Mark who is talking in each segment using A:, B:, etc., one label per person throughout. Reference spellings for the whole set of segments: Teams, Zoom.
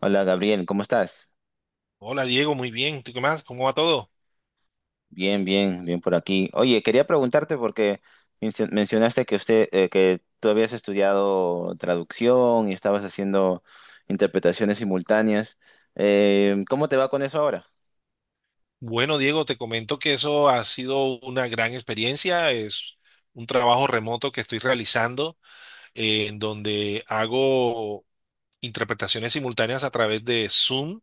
A: Hola Gabriel, ¿cómo estás?
B: Hola Diego, muy bien. ¿Tú qué más? ¿Cómo va todo?
A: Bien, bien, bien por aquí. Oye, quería preguntarte porque mencionaste que tú habías estudiado traducción y estabas haciendo interpretaciones simultáneas. ¿Cómo te va con eso ahora?
B: Bueno, Diego, te comento que eso ha sido una gran experiencia. Es un trabajo remoto que estoy realizando en donde hago interpretaciones simultáneas a través de Zoom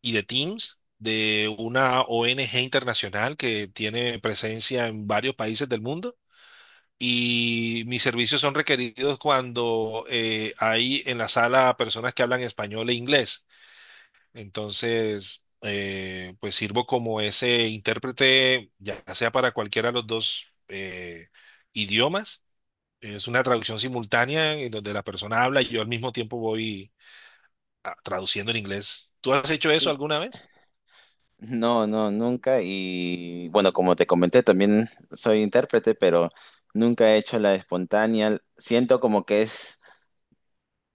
B: y de Teams de una ONG internacional que tiene presencia en varios países del mundo. Y mis servicios son requeridos cuando hay en la sala personas que hablan español e inglés. Entonces, pues sirvo como ese intérprete, ya sea para cualquiera de los dos idiomas. Es una traducción simultánea en donde la persona habla y yo al mismo tiempo voy traduciendo en inglés. ¿Tú has hecho eso
A: Y-
B: alguna vez?
A: No, no, nunca. Y bueno, como te comenté, también soy intérprete, pero nunca he hecho la espontánea. Siento como que es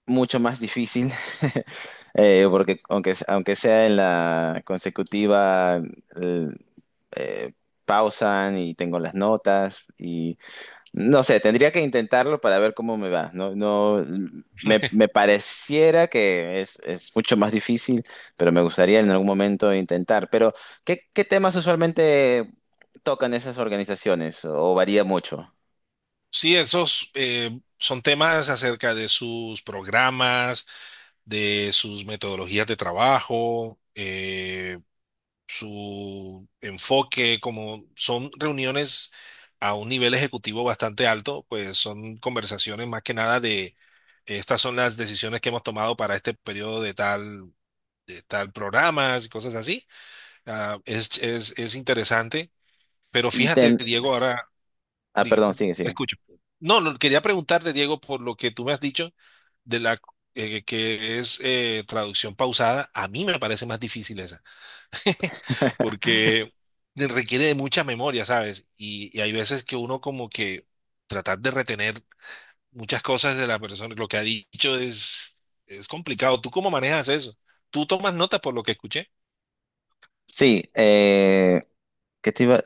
A: mucho más difícil, porque aunque sea en la consecutiva, el- eh, pausan y tengo las notas y no sé, tendría que intentarlo para ver cómo me va. No, no, me pareciera que es mucho más difícil, pero me gustaría en algún momento intentar. Pero, ¿qué temas usualmente tocan esas organizaciones o varía mucho?
B: Sí, esos son temas acerca de sus programas, de sus metodologías de trabajo. Su enfoque, como son reuniones a un nivel ejecutivo bastante alto, pues son conversaciones más que nada de estas son las decisiones que hemos tomado para este periodo de tal programas y cosas así. Ah, es interesante, pero
A: Y
B: fíjate,
A: tem-
B: Diego, ahora, diga,
A: perdón, sigue,
B: te
A: sigue.
B: escucho. No, no, quería preguntarte, Diego, por lo que tú me has dicho de la que es traducción pausada, a mí me parece más difícil esa. Porque requiere de mucha memoria, ¿sabes? Y hay veces que uno como que tratar de retener muchas cosas de la persona, lo que ha dicho es complicado. ¿Tú cómo manejas eso? ¿Tú tomas nota por lo que escuché?
A: Sí, que te iba,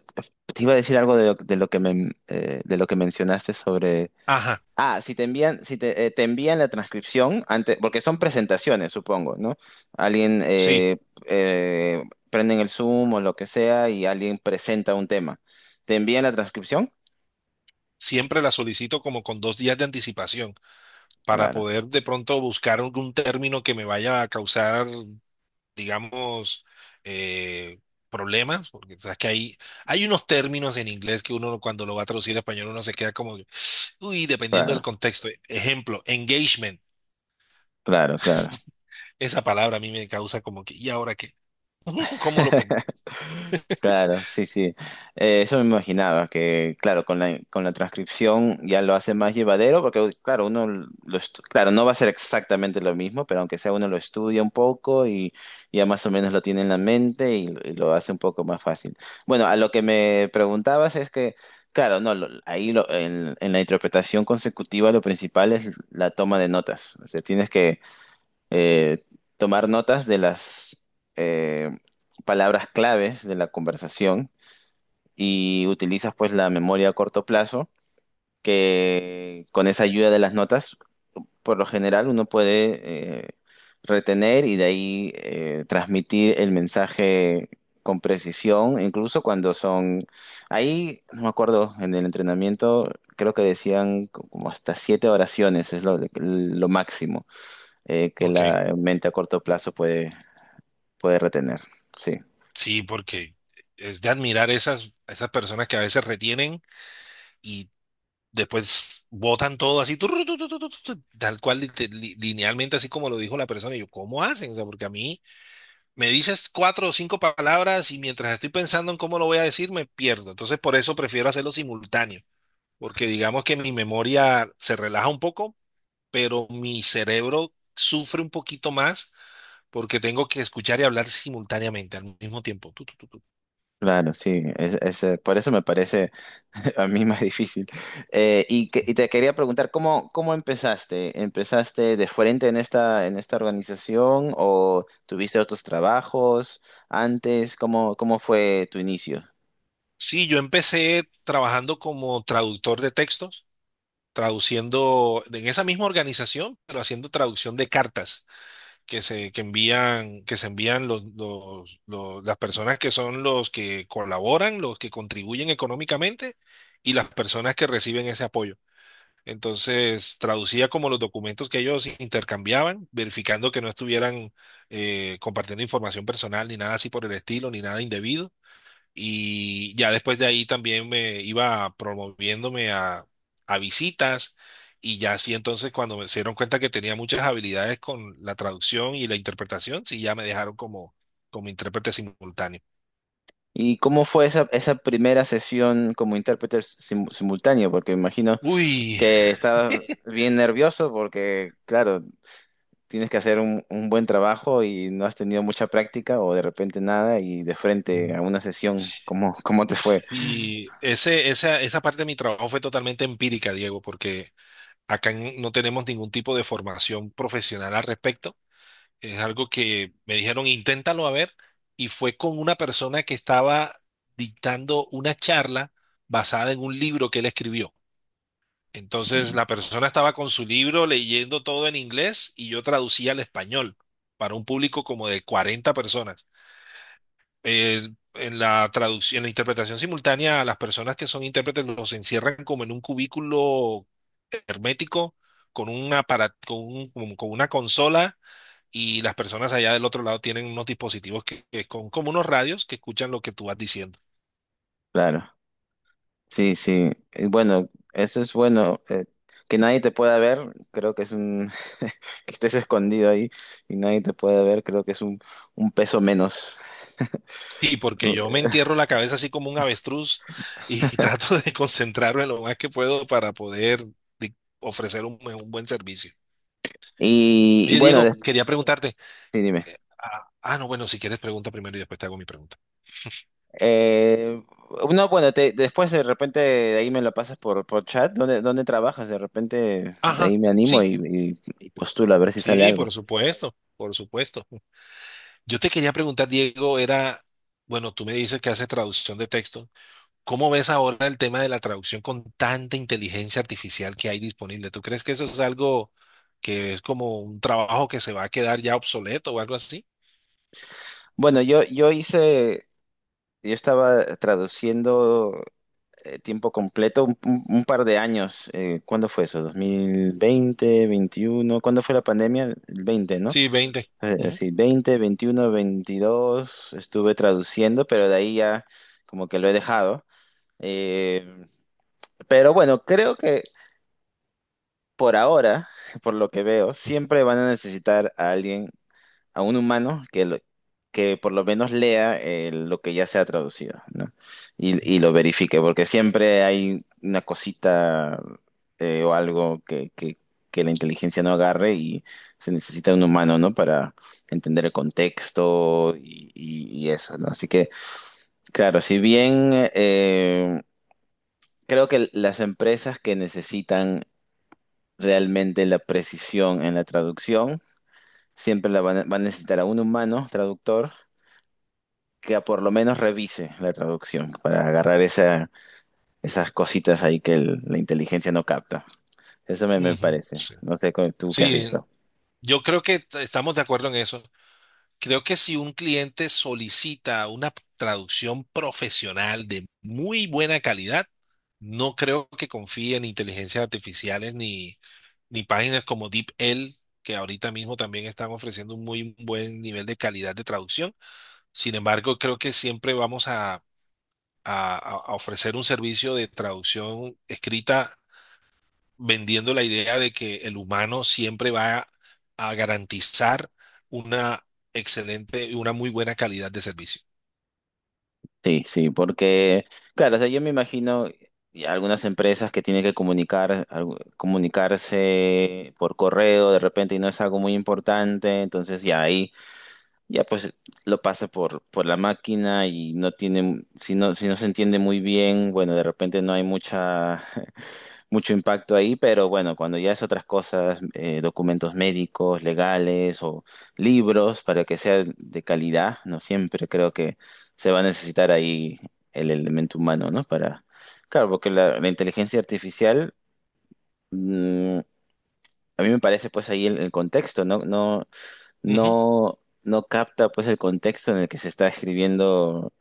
A: te iba a decir algo de lo que mencionaste sobre.
B: Ajá,
A: Si te envían la transcripción antes, porque son presentaciones, supongo, ¿no? Alguien
B: sí.
A: eh, prenden el Zoom o lo que sea y alguien presenta un tema. ¿Te envían la transcripción?
B: Siempre la solicito como con 2 días de anticipación para
A: Claro,
B: poder de pronto buscar algún término que me vaya a causar digamos, eh, problemas, porque sabes que hay unos términos en inglés que uno cuando lo va a traducir a español uno se queda como, que, uy, dependiendo del
A: claro,
B: contexto. Ejemplo, engagement.
A: claro, claro.
B: Esa palabra a mí me causa como que, ¿y ahora qué? ¿Cómo lo pongo?
A: Claro, sí, sí. Eso me imaginaba, que claro, con la transcripción ya lo hace más llevadero, porque claro, uno claro, no va a ser exactamente lo mismo, pero aunque sea uno lo estudia un poco y ya más o menos lo tiene en la mente y lo hace un poco más fácil. Bueno, a lo que me preguntabas es que, claro, no, en la interpretación consecutiva lo principal es la toma de notas. O sea, tienes que eh, tomar notas de las eh, palabras claves de la conversación y utilizas pues la memoria a corto plazo, que con esa ayuda de las notas, por lo general uno puede eh, retener y de ahí transmitir el mensaje con precisión, incluso cuando son, ahí no me acuerdo, en el entrenamiento creo que decían como hasta siete oraciones, es lo máximo que
B: Ok,
A: la mente a corto plazo puede retener, sí,
B: sí, porque es de admirar esas personas que a veces retienen y después botan todo así, turru, tu, tal cual, linealmente, así como lo dijo la persona. Y yo, ¿cómo hacen? O sea, porque a mí me dices 4 o 5 palabras y mientras estoy pensando en cómo lo voy a decir, me pierdo. Entonces, por eso prefiero hacerlo simultáneo, porque digamos que mi memoria se relaja un poco, pero mi cerebro sufre un poquito más porque tengo que escuchar y hablar simultáneamente al mismo tiempo. Tu, tu, tu, tu.
A: claro, sí, por eso me parece a mí más difícil. Y te quería preguntar, ¿cómo empezaste? ¿Empezaste de frente en esta organización o tuviste otros trabajos antes? ¿Cómo fue tu inicio?
B: Sí, yo empecé trabajando como traductor de textos, traduciendo en esa misma organización, pero haciendo traducción de cartas. Que se envían las personas que son los que colaboran, los que contribuyen económicamente y las personas que reciben ese apoyo. Entonces, traducía como los documentos que ellos intercambiaban, verificando que no estuvieran compartiendo información personal ni nada así por el estilo, ni nada indebido. Y ya después de ahí también me iba promoviéndome a visitas y ya así entonces cuando me se dieron cuenta que tenía muchas habilidades con la traducción y la interpretación, sí ya me dejaron como intérprete simultáneo.
A: ¿Y cómo fue esa primera sesión como intérprete simultáneo? Porque me imagino
B: Uy,
A: que estabas bien nervioso porque, claro, tienes que hacer un buen trabajo y no has tenido mucha práctica o de repente nada y de frente a una sesión, ¿cómo te fue?
B: y esa parte de mi trabajo fue totalmente empírica, Diego, porque no tenemos ningún tipo de formación profesional al respecto. Es algo que me dijeron, inténtalo a ver, y fue con una persona que estaba dictando una charla basada en un libro que él escribió. Entonces, la persona estaba con su libro leyendo todo en inglés y yo traducía al español para un público como de 40 personas. Eh, en la traducción, en la interpretación simultánea, a las personas que son intérpretes los encierran como en un cubículo hermético con una, para- con un- con una consola y las personas allá del otro lado tienen unos dispositivos que con como unos radios que escuchan lo que tú vas diciendo.
A: Claro, sí, sí. Y bueno, eso es bueno. Que nadie te pueda ver, creo que es un. Que estés escondido ahí y nadie te pueda ver, creo que es un peso menos.
B: Sí, porque yo me entierro la cabeza así como un avestruz y trato de concentrarme lo más que puedo para poder di- ofrecer un buen servicio.
A: Y
B: Oye,
A: bueno,
B: Diego, sí,
A: después,
B: quería preguntarte. Ah, ah, no, bueno, si quieres pregunta primero y después te hago mi pregunta.
A: Eh, no, bueno, después de repente de ahí me lo pasas por chat. ¿Dónde trabajas? De repente de
B: Ajá,
A: ahí me animo
B: sí,
A: y postulo a ver si sale
B: sí,
A: algo.
B: por supuesto, por supuesto. Yo te quería preguntar, Diego, era, bueno, tú me dices que haces traducción de texto. ¿Cómo ves ahora el tema de la traducción con tanta inteligencia artificial que hay disponible? ¿Tú crees que eso es algo que es como un trabajo que se va a quedar ya obsoleto o algo así?
A: Bueno, yo estaba traduciendo tiempo completo un par de años. ¿Cuándo fue eso? 2020, 2021. ¿Cuándo fue la pandemia? El 20, ¿no?
B: Sí, 20. Ujú,
A: Sí, 2020, 2021, 2022 estuve traduciendo, pero de ahí ya como que lo he dejado. Eh, Pero bueno, creo que por ahora, por lo que veo, siempre van a necesitar a alguien, a un humano que, que por lo menos lea lo que ya se ha traducido, ¿no? Y lo verifique, porque siempre hay una cosita o algo que, que la inteligencia no agarre y se necesita un humano, ¿no? Para entender el contexto y, y eso, ¿no? Así que, claro, si bien... creo que las empresas que necesitan realmente la precisión en la traducción. Siempre la va a necesitar a un humano traductor que por lo menos revise la traducción para agarrar esas cositas ahí que la inteligencia no capta. Eso me
B: ujú,
A: parece.
B: sí.
A: No sé tú qué has
B: Sí,
A: visto.
B: yo creo que estamos de acuerdo en eso. Creo que si un cliente solicita una traducción profesional de muy buena calidad, no creo que confíe en inteligencias artificiales ni páginas como DeepL, que ahorita mismo también están ofreciendo un muy buen nivel de calidad de traducción. Sin embargo, creo que siempre vamos a- a ofrecer un servicio de traducción escrita vendiendo la idea de que el humano siempre va a garantizar una excelente y una muy buena calidad de servicio.
A: Sí, sí, porque, claro, o sea, yo me imagino y algunas empresas que tienen que comunicar, comunicarse por correo de repente y no es algo muy importante, entonces ya ahí ya pues lo pasa por la máquina y no tiene, si no se entiende muy bien, bueno, de repente no hay mucha, mucho impacto ahí, pero bueno, cuando ya es otras cosas, documentos médicos, legales o libros, para que sea de calidad, no siempre creo que se va a necesitar ahí el elemento humano, ¿no? Para, claro, porque la inteligencia artificial mm, a mí me parece pues ahí el contexto, no, no,
B: Ujú.
A: no, no capta pues el contexto en el que se está escribiendo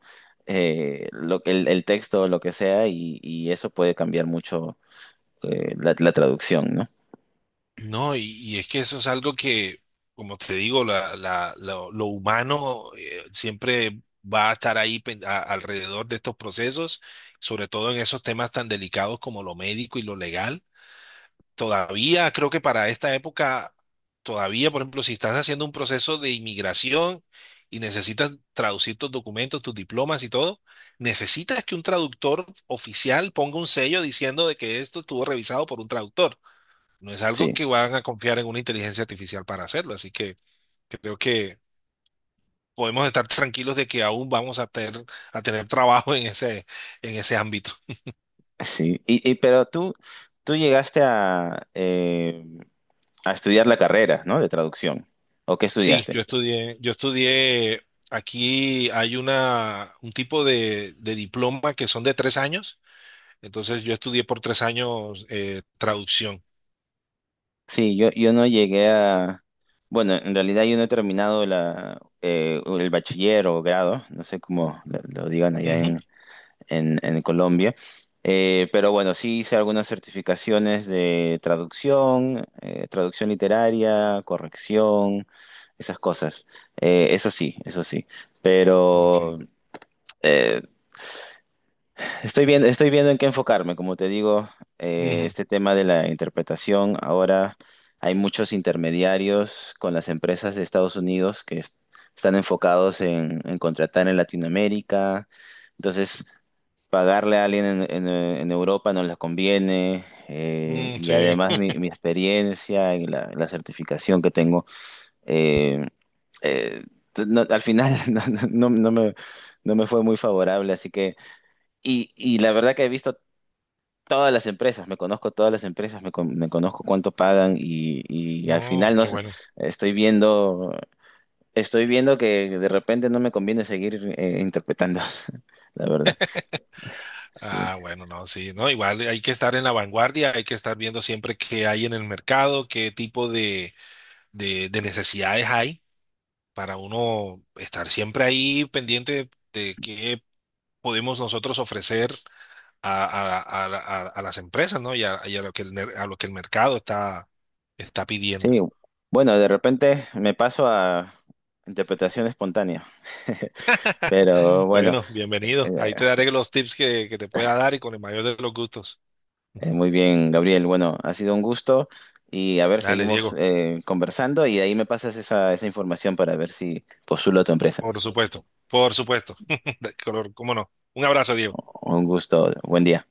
A: el texto o lo que sea y eso puede cambiar mucho la traducción, ¿no?
B: No, y es que eso es algo que, como te digo, lo humano siempre va a estar ahí alrededor de estos procesos, sobre todo en esos temas tan delicados como lo médico y lo legal. Todavía creo que para esta época, todavía, por ejemplo, si estás haciendo un proceso de inmigración y necesitas traducir tus documentos, tus diplomas y todo, necesitas que un traductor oficial ponga un sello diciendo de que esto estuvo revisado por un traductor. No es algo
A: Sí,
B: que van a confiar en una inteligencia artificial para hacerlo, así que creo que podemos estar tranquilos de que aún vamos a a tener trabajo en ese ámbito.
A: sí. Pero tú llegaste a estudiar la carrera, ¿no? De traducción. ¿O qué
B: Sí,
A: estudiaste?
B: yo estudié, aquí hay un tipo de diploma que son de 3 años, entonces yo estudié por 3 años traducción.
A: Sí, yo no llegué a. Bueno, en realidad yo no he terminado el bachiller o grado, no sé cómo lo digan allá
B: Ujú,
A: en, Colombia, pero bueno, sí hice algunas certificaciones de traducción, traducción literaria, corrección, esas cosas. Eso sí, eso sí, pero.
B: ok.
A: eh, estoy viendo en qué enfocarme, como te digo,
B: Ujú,
A: este tema de la interpretación, ahora hay muchos intermediarios con las empresas de Estados Unidos que están enfocados en contratar en Latinoamérica, entonces pagarle a alguien en, Europa no les conviene,
B: mm,
A: y
B: sí,
A: además mi experiencia y la certificación que tengo, eh, eh, al final no- no me, no me fue muy favorable, así que. Y la verdad que he visto todas las empresas, me conozco todas las empresas, me conozco cuánto pagan y al
B: no,
A: final no
B: qué
A: sé,
B: bueno.
A: estoy viendo, estoy viendo que de repente no me conviene seguir interpretando, la verdad. Sí.
B: Ah, bueno, no, sí, no, igual hay que estar en la vanguardia, hay que estar viendo siempre qué hay en el mercado, qué tipo de necesidades hay para uno estar siempre ahí pendiente de qué podemos nosotros ofrecer a, a las empresas, ¿no? Y a lo que a lo que el mercado está pidiendo.
A: Sí, bueno, de repente me paso a interpretación espontánea. Pero bueno,
B: Bueno, bienvenido.
A: eh,
B: Ahí te daré los tips que te pueda dar y con el mayor de los gustos.
A: muy bien, Gabriel. Bueno, ha sido un gusto y a ver,
B: Dale,
A: seguimos
B: Diego.
A: conversando y ahí me pasas esa información para ver si postulo a tu empresa.
B: Por supuesto. Por supuesto. De color, ¿cómo no? Un abrazo, Diego.
A: Un gusto. Buen día.